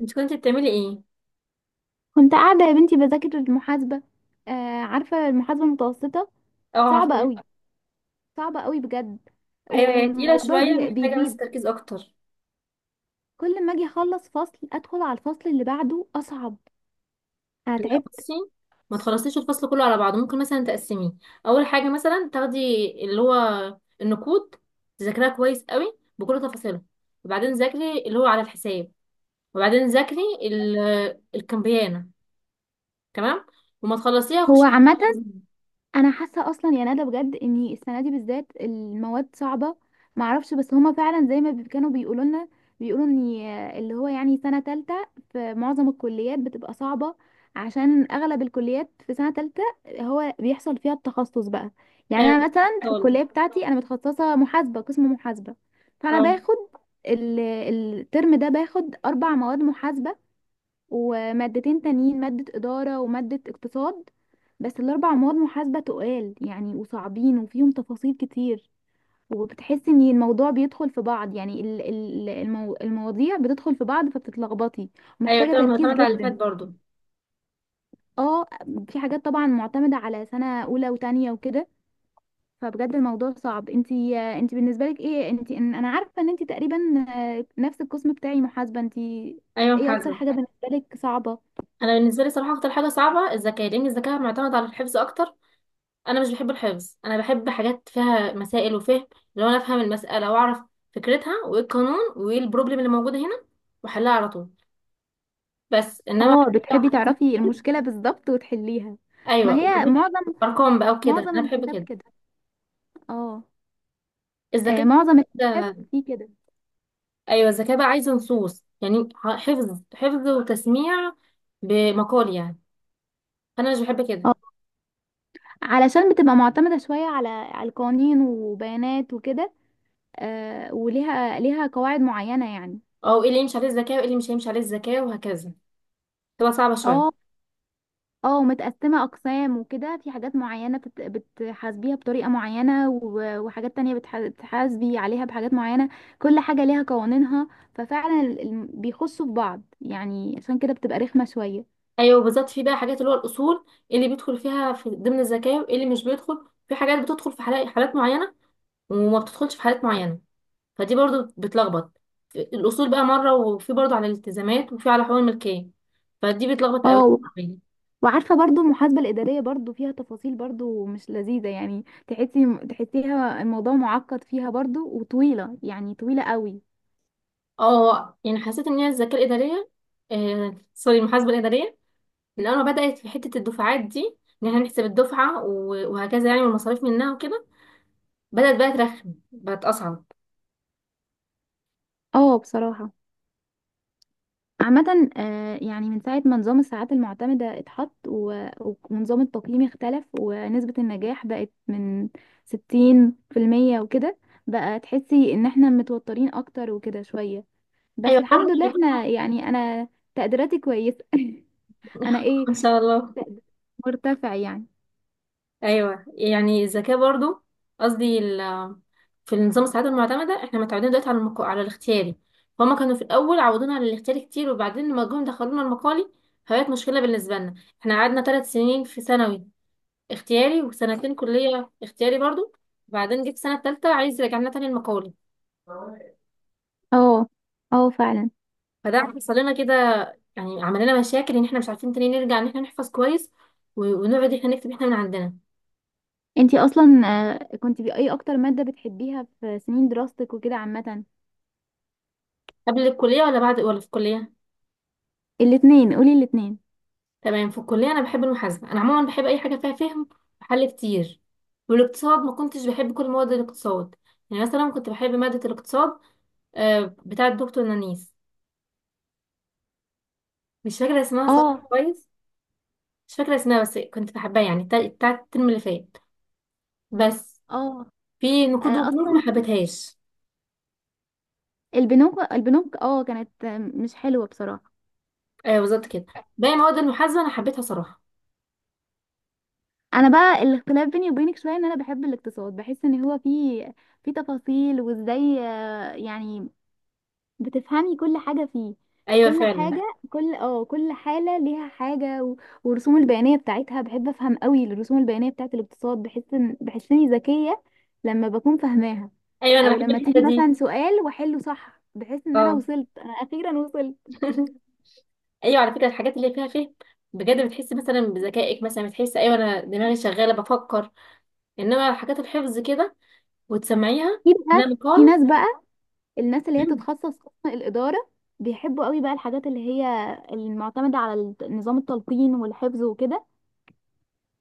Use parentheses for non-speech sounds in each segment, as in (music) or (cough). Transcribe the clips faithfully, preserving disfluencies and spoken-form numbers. انت كنت بتعملي ايه؟ كنت قاعدة يا بنتي بذاكر المحاسبة. آه، عارفة المحاسبة المتوسطة؟ اه، صعبة عارفه. قوي. صعبة قوي بجد. ايوه، هي تقيله والموضوع شويه، بي محتاجه بس بيزيد. تركيز اكتر. كل ما اجي اخلص فصل ادخل على الفصل اللي بعده اصعب. انا لا، تعبت. بصي، ما تخلصيش الفصل كله على بعضه، ممكن مثلا تقسميه. اول حاجه مثلا تاخدي اللي هو النقود، تذاكريها كويس قوي بكل تفاصيلها، وبعدين ذاكري اللي هو على الحساب، وبعدين ذاكري ال- الكمبيانه. تمام، وما تخلصيها هو خشي على عامة التخزين. انا حاسه اصلا، يعني انا بجد ان السنه دي بالذات المواد صعبه. معرفش، بس هما فعلا زي ما بي- كانوا بيقولوا لنا. بيقولوا ان اللي هو يعني سنه تالتة في معظم الكليات بتبقى صعبه، عشان اغلب الكليات في سنه تالتة هو بيحصل فيها التخصص بقى. يعني ايوه، انا كنت مثلا لسه في هقولك. الكليه بتاعتي انا متخصصه محاسبه، قسم محاسبه. فانا اه، باخد ال- الترم ده باخد اربع مواد محاسبه، ومادتين تانيين: مادة إدارة ومادة اقتصاد. بس الأربع مواد محاسبة تقال يعني، وصعبين، وفيهم تفاصيل كتير. وبتحسي ان الموضوع بيدخل في بعض، يعني ال- ال- المو... المواضيع بتدخل في بعض فبتتلخبطي. ايوه، ومحتاجة تمام، تركيز معتمد على اللي فات جدا. برضه. اه، في حاجات طبعا معتمدة على سنة أولى وتانية وكده. فبجد الموضوع صعب. انتي انتي بالنسبة لك ايه؟ انتي ان- انا عارفة ان انتي تقريبا آه، نفس القسم بتاعي، محاسبة انتي. ايوه، ايه اكتر محاسبه. حاجة بالنسبة لك صعبة؟ انا بالنسبه لي صراحه اكتر حاجه صعبه الذكاء، لان الذكاء معتمد على الحفظ اكتر. انا مش بحب الحفظ، انا بحب حاجات فيها مسائل وفهم. لو انا افهم المساله واعرف فكرتها وايه القانون وايه البروبلم اللي موجوده هنا واحلها على طول. بس انما (laughs) حاجات اه، فيها بتحبي حفظ تعرفي كتير. المشكلة بالظبط وتحليها. ما ايوه، هي وحاجات معظم ارقام بقى وكده، معظم انا بحب الحساب كده. كده. اه، آه، الذكاء. معظم الحساب فيه كده. ايوه، الذكاء بقى عايز نصوص، يعني ح- حفظ حفظ وتسميع، بمقال يعني. انا مش بحب كده. اه، علشان بتبقى معتمدة شوية على على القوانين وبيانات وكده. آه، وليها ليها قواعد معينة يعني. او ايه اللي يمشي عليه الذكاء وايه اللي مش هيمشي عليه الذكاء وهكذا، تبقى صعبه اه. شويه. اه، متقسمة أقسام وكده. في حاجات معينة بت- بتحاسبيها بطريقة معينة، و- وحاجات تانية بتح- بتحاسبي عليها بحاجات معينة. كل حاجة ليها قوانينها. ففعلا ال- ال- بيخشوا في بعض يعني، عشان كده بتبقى رخمة شوية. ايوه بالظبط، في بقى حاجات اللي هو الاصول، اللي بيدخل فيها في ضمن الزكاه واللي مش بيدخل. في حاجات بتدخل في حالا- حالات معينه وما بتدخلش في حالات معينه، فدي برضو بتلخبط. الاصول بقى مره، وفي برضو على الالتزامات، وفي على حقوق الملكيه، فدي بتلخبط قوي. اه و- وعارفه برضو المحاسبه الاداريه برضو فيها تفاصيل برضو مش لذيذه، يعني تحسي تحسيها الموضوع معقد فيها برضو وطويله، يعني طويله قوي. اه يعني حسيت ان هي الزكاه الاداريه، آه سوري المحاسبه الاداريه، من اول ما بدات في حته الدفعات دي، ان احنا نحسب الدفعه و- وهكذا يعني، والمصاريف منها وكده، بدات بقى ترخم، بقت اصعب. اه بصراحه. عامه آه، يعني من ساعه ما نظام الساعات المعتمده اتحط و- ونظام التقييم اختلف ونسبه النجاح بقت من ستين في المية وكده، بقى تحسي ان احنا متوترين اكتر وكده شويه. بس ايوه برضه الحمد لله احنا احنا كنا. يعني انا تقديراتي كويسه (laughs) انا ايه، ان شاء الله. مرتفع يعني. ايوه يعني الذكاء برضو، قصدي ال- في النظام السعاده المعتمده احنا متعودين دلوقتي على المق... على الاختياري، فهم كانوا في الاول عودونا على الاختياري كتير، وبعدين لما جم دخلونا المقالي، فبقت مشكله بالنسبه لنا. احنا قعدنا ثلاث سنين في ثانوي اختياري، وسنتين كليه اختياري برضو، وبعدين جيت السنه الثالثه عايز يرجعنا تاني المقالي. اه. اه فعلا. فده حصل لنا كده، يعني عمل لنا مشاكل ان احنا مش عارفين تاني نرجع ان احنا نحفظ كويس، و- ونقعد احنا نكتب احنا من عندنا. انتي اصلا آه، كنتي باي اكتر مادة بتحبيها في سنين دراستك وكده عامة؟ قبل الكليه ولا بعد ولا في الكليه؟ الاتنين، قولي الاتنين. تمام، في الكلية أنا بحب المحاسبة، أنا عموما بحب أي حاجة فيها فهم وحل كتير. والاقتصاد ما كنتش بحب كل مواد الاقتصاد، يعني مثلا كنت بحب مادة الاقتصاد آه، بتاعة الدكتور نانيس، مش فاكرة اسمها صراحة اه. كويس. مش فاكرة اسمها بس كنت بحبها، يعني بتاع- بتاعة الترم اللي فات بس. اه في نقود آه، وبنوك ما اصلا حبيتهاش. البنوك البنوك اه كانت آه، مش حلوة بصراحة. أيوة بالظبط كده، باقي مواد المحاسبة أنا حبيتها صراحة. انا بقى الاختلاف بيني وبينك شوية ان انا بحب الاقتصاد. بحس ان هو فيه في تفاصيل، وازاي آه، يعني بتفهمي كل حاجة فيه. أيوة كل فعلا. حاجة، كل اه كل حالة ليها حاجة و... والرسوم البيانية بتاعتها بحب افهم قوي الرسوم البيانية بتاعت الاقتصاد. بحس ان بحس اني ذكية لما بكون فاهماها. أيوة أنا او بحب لما الحتة تيجي دي. مثلا سؤال واحله صح بحس ان انا اه. وصلت انا اخيرا وصلت. (laughs) ايوه على فكره، الحاجات اللي فيها فهم بجد بتحسي مثلا بذكائك، مثلا بتحسي ايوه انا دماغي شغاله بفكر. انما الحاجات الحفظ كده وتسمعيها، في انها بقى في مقال. ناس بقى، الناس اللي هي (clears throat) بتتخصص قسم الإدارة بيحبوا قوي بقى الحاجات اللي هي المعتمدة على الت- نظام التلقين والحفظ وكده.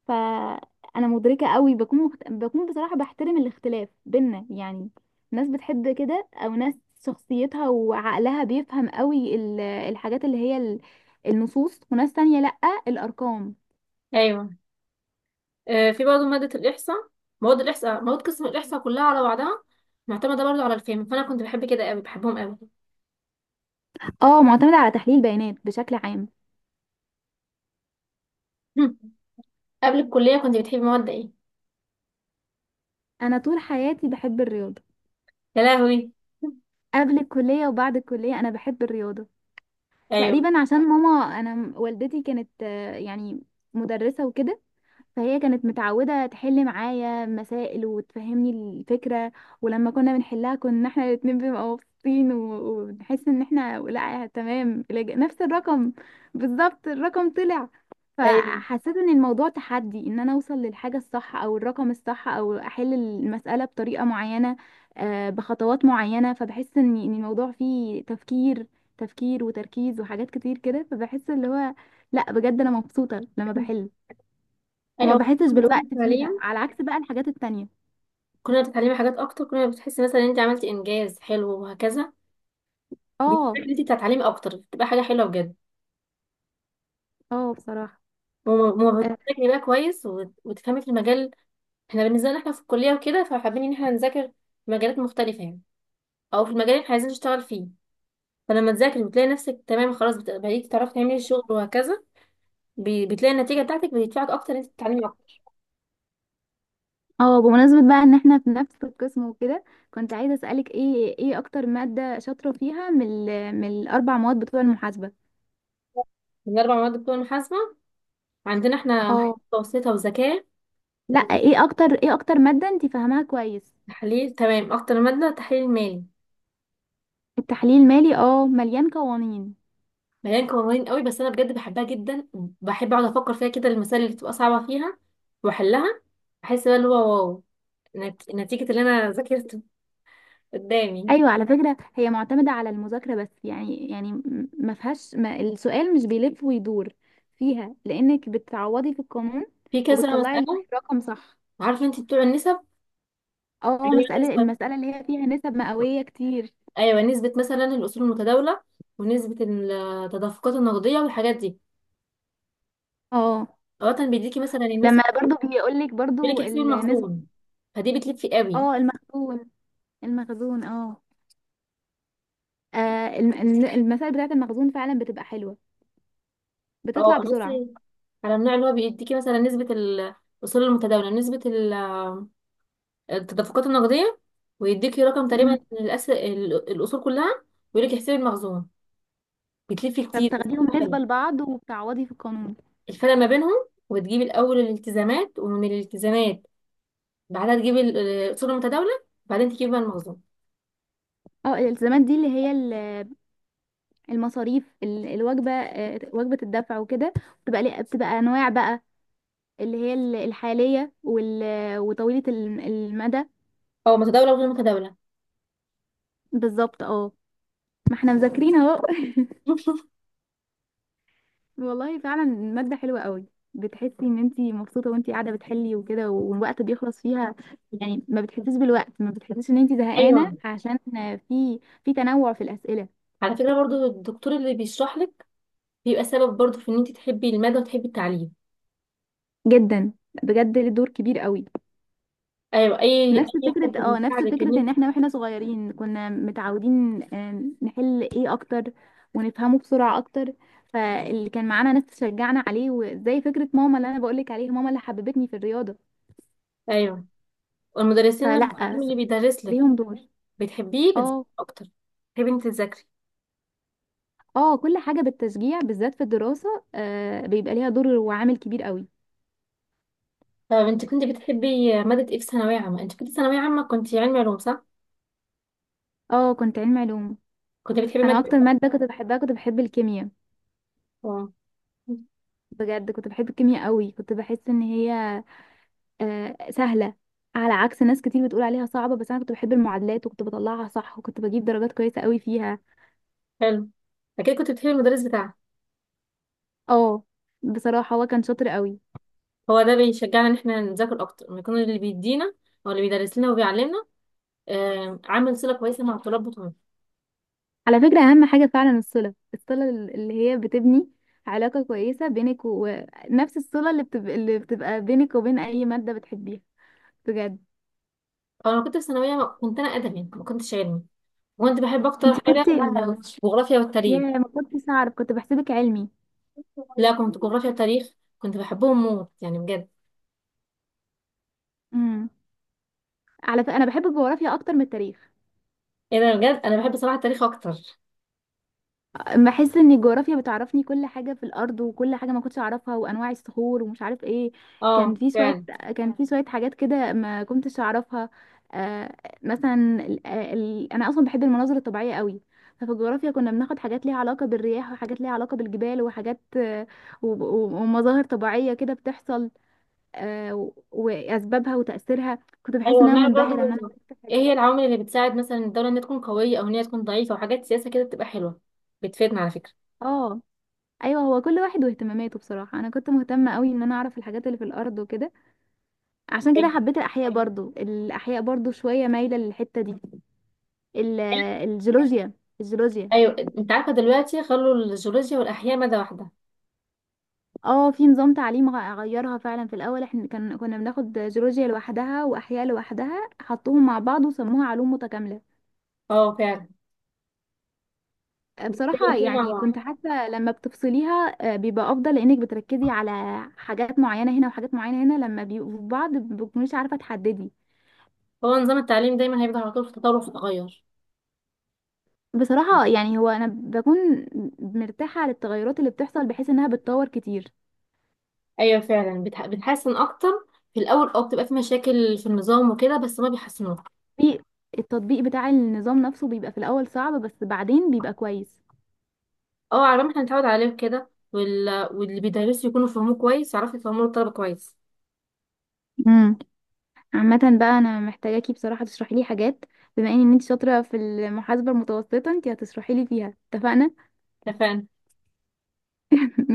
فانا مدركه قوي، بكون مخت... بكون بصراحه بحترم الاختلاف بينا يعني. ناس بتحب كده او ناس شخصيتها وعقلها بيفهم قوي ال- الحاجات اللي هي ال- النصوص، وناس تانية لأ، الأرقام. ايوه. آه في برضه ماده الاحصاء، مواد الاحصاء، مواد قسم الاحصاء كلها على بعضها معتمده برضه على الفهم، فانا كنت بحب كده قوي، بحبهم قوي. اه، معتمدة على تحليل بيانات بشكل عام. (clears throat) (laughs) قبل الكليه كنت بتحبي مواد ايه؟ أنا طول حياتي بحب الرياضة. يا لهوي. (clears throat) قبل الكلية وبعد الكلية أنا بحب الرياضة. (laughs) ايوه، تقريبا عشان ماما، أنا والدتي كانت آه، يعني مدرسة وكده، فهي كانت متعودة تحل معايا مسائل وتفهمني الفكرة. ولما كنا بنحلها كنا احنا الاتنين بنبقى مبسوطين و- ونحس ان احنا، لا تمام الإج- نفس الرقم بالظبط، الرقم طلع. ايوه، فحسيت ان الموضوع تحدي، ان انا اوصل للحاجة الصح او الرقم الصح او احل المسألة بطريقة معينة، آه، بخطوات معينة. فبحس ان إن الموضوع فيه تفكير، تفكير وتركيز وحاجات كتير كده. فبحس اللي هو، لا بجد انا مبسوطة لما بحل، وما ايوه. بحسش نظام بالوقت فيها، التعليم، على عكس بقى الحاجات التانية. كنا بتتعلمي حاجات اكتر، كنا بتحسي مثلا ان انت عملتي انجاز حلو وهكذا، اه. بتفيدك انت تتعلمي اكتر، بتبقى حاجه حلوه بجد. اه بصراحة. وما اه بتذاكري بقى كويس وت- وتفهمي في المجال. احنا بالنسبه لنا احنا في الكليه وكده، فحابين ان احنا نذاكر في مجالات مختلفه يعني، او في المجال اللي احنا عايزين نشتغل فيه. فلما تذاكري وتلاقي نفسك تمام خلاص، بت- بقيتي تعرفي تعملي الشغل وهكذا، ب- بتلاقي النتيجه بتاعتك بتدفعك اكتر ان انت تتعلمي اكتر. آه، بمناسبة بقى ان احنا في نفس القسم وكده، كنت عايزة اسألك ايه، ايه اكتر مادة شاطرة فيها من ال- من الاربع مواد بتوع المحاسبة؟ من اربع مواد بتوع المحاسبه، عندنا احنا محاسبه اه متوسطه وذكاء لا، ايه اكتر ايه اكتر مادة انت فاهماها كويس؟ وتحليل. تمام، اكتر ماده تحليل مالي، التحليل المالي اه مليان قوانين. مليان قوانين قوي بس انا بجد بحبها جدا. بحب اقعد افكر فيها كده، المسائل اللي بتبقى صعبه فيها واحلها، بحس بقى اللي هو واو، نت- نتيجه اللي انا ذاكرته قدامي ايوه على فكرة هي معتمدة على المذاكرة بس يعني، يعني م- ما فيهاش ما السؤال مش بيلف ويدور فيها، لانك بتعوضي في القانون في كذا وبتطلعي مساله. الرقم صح. عارفه انت بتوع النسب، اه، اللي هي مسألة النسبه. المسألة اللي هي فيها نسب مئوية كتير. ايوه نسبه، مثلا الاصول المتداوله، ونسبه التدفقات النقديه، والحاجات دي، اه، اوقات بيديكي مثلا النسب، لما برضو بيقولك بيقول لك برضو احسبي النسبة. المخزون. فدي بتلف في قوي. اه المخزون. المخزون اه. آه، الم- الم- المسائل بتاعة المخزون فعلا بتبقى حلوة، بتطلع اه انا بسرعة. بصي على النوع اللي هو بيديكي مثلا نسبه الاصول المتداوله، نسبه التدفقات النقدية، ويديكي رقم تقريبا مم. الأس... ال- الأصول كلها، ويقولك احسبي المخزون. بتلفي كتير بس فبتاخديهم بتبقى نسبة حلو. لبعض وبتعوضي في القانون. الفرق ما بينهم وتجيبي الأول الالتزامات، ومن الالتزامات بعدها تجيبي ال- الأصول المتداولة، بعدين تجيبي بقى المخزون. اه الالتزامات دي اللي هي ال- المصاريف، ال- الوجبة آه، وجبة الدفع وكده. بتبقى ليه- بتبقى أنواع بقى، اللي هي ال- الحالية، وال- وطويلة الم- المدى. أو متداولة وغير متداولة. بالظبط اه. ما احنا مذاكرين اهو. والله فعلا مادة حلوة قوي. بتحسي ان انتي مبسوطة وانتي قاعدة بتحلي وكده والوقت بيخلص فيها. يعني ما بتحسيش بالوقت، ما بتحسيش ان انتي زهقانة، أيوه عشان في في تنوع في الأسئلة. على فكرة، برضو الدكتور اللي بيشرح لك بيبقى سبب برضو في إن أنت تحبي المادة وتحبي التعليم. جدا، بجد له دور كبير قوي. أيوه، أي نفس أي فكرة، حد اه نفس بيساعدك إن فكرة أنت. ان احنا واحنا صغيرين كنا متعودين آم، نحل ايه اكتر ونفهمه بسرعة اكتر. فاللي كان معانا ناس تشجعنا عليه، وزي فكرة ماما اللي انا بقولك عليها، ماما اللي حببتني في الرياضة. أيوه، والمدرسين فلا، اللي اللي بيدرس لك ليهم دور. بتحبيه بتذاكري اه. أكتر، تحبي أنت تذاكري. اه كل حاجة بالتشجيع بالذات في الدراسة آه بيبقى ليها دور وعامل كبير قوي. طب انت كنت بتحبي مادة ايه في ثانوية عامة؟ انت كنت ثانوية عامة كنت علمي علوم صح؟ اه، كنت علم علوم. كنت بتحبي انا مادة. اكتر مادة كنت بحبها كنت بحب الكيمياء. اه. بجد كنت بحب الكيمياء قوي، كنت بحس ان هي آه سهلة، على عكس ناس كتير بتقول عليها صعبة. بس انا كنت بحب المعادلات وكنت بطلعها صح وكنت بجيب درجات كويسة قوي فيها. حلو، اكيد كنت بتحبي المدرس بتاعك. اه بصراحة هو كان شاطر قوي. هو ده بيشجعنا ان احنا نذاكر اكتر، ان يكون اللي بيدينا او اللي بيدرس لنا وبيعلمنا آه، عامل صلة كويسة مع الطلاب بتوعنا. على فكرة اهم حاجة فعلا الصلة، الصلة اللي هي بتبني علاقة كويسة بينك، ونفس الصلة اللي بتبقى, اللي بتبقى بينك وبين اي مادة بتحبيها، بجد. انا كنت في ثانوية ما- كنت انا ادبي ما كنتش علمي، وكنت بحب اكتر انت حاجة كنت، الجغرافيا يا والتاريخ. ما كنتش اعرف، كنت بحسبك علمي. لا كنت جغرافيا وتاريخ، كنت بحبهم موت يعني بجد. امم، على فكره انا بحب الجغرافيا اكتر من التاريخ. ايه ده، بجد انا بحب صراحة التاريخ اكتر. بحس ان الجغرافيا بتعرفني كل حاجه في الارض، وكل حاجه ما كنتش اعرفها، وانواع الصخور ومش عارف ايه. كان اه في شويه فعلا. كان في شويه حاجات كده ما كنتش اعرفها. آه، مثلا ال... آه، ال... انا اصلا بحب المناظر الطبيعيه قوي. ففي الجغرافيا كنا بناخد حاجات ليها علاقه بالرياح، وحاجات ليها علاقه بالجبال، وحاجات آه، و... و- ومظاهر طبيعيه كده بتحصل، آه، و- واسبابها وتاثيرها. كنت بحس ايوه ان انا بنعرف منبهره برضو ان انا عرفت ايه حاجات. هي العوامل اللي بتساعد مثلا الدوله انها تكون قويه او ان هي تكون ضعيفه، وحاجات سياسه كده بتبقى حلوه، بتفيدنا على فكره. اه ايوه، هو كل واحد واهتماماته. بصراحه انا كنت مهتمه قوي ان انا اعرف الحاجات اللي في الارض وكده. عشان كده ايوه. حبيت الاحياء برضو، الاحياء برضو شويه مايله للحته دي. ال- الجيولوجيا، الجيولوجيا. أيوة، انت عارفه دلوقتي خلوا الجيولوجيا والاحياء ماده واحده. اه، في نظام تعليم غ- غيرها فعلا. في الاول احنا كان كنا بناخد جيولوجيا لوحدها واحياء لوحدها، حطوهم مع بعض وسموها علوم متكامله. اه فعلا، بصراحة الاحياء مع يعني بعض. كنت حاسة لما بتفصليها آه، بيبقى أفضل، لأنك بتركزي على حاجات معينة هنا وحاجات معينة هنا. لما بيبقوا في بعض مبتكونيش عارفة تحددي. هو نظام التعليم دايما هيبقى على طول في تطور وفي تغير. بصراحة يعني هو أنا بكون مرتاحة للتغيرات اللي بتحصل، بحيث إنها بتطور كتير. ايوه فعلا، بتح... بتحسن اكتر. في الاول اه بتبقى في مشاكل في النظام وكده بس ما بيحسنوه. في التطبيق بتاع النظام نفسه بيبقى في الأول صعب، بس بعدين بيبقى كويس. اه، على ما احنا نتعود عليه كده وال... واللي بيدرسوا يكونوا فاهموه كويس يعرفوا يفهموا الطلبه كويس. امم. عامة بقى أنا محتاجاكي بصراحة تشرحي لي حاجات. بما إن أنت شاطرة في المحاسبة المتوسطة، أنت هتشرحي لي فيها، اتفقنا. اتفقنا. (laughs)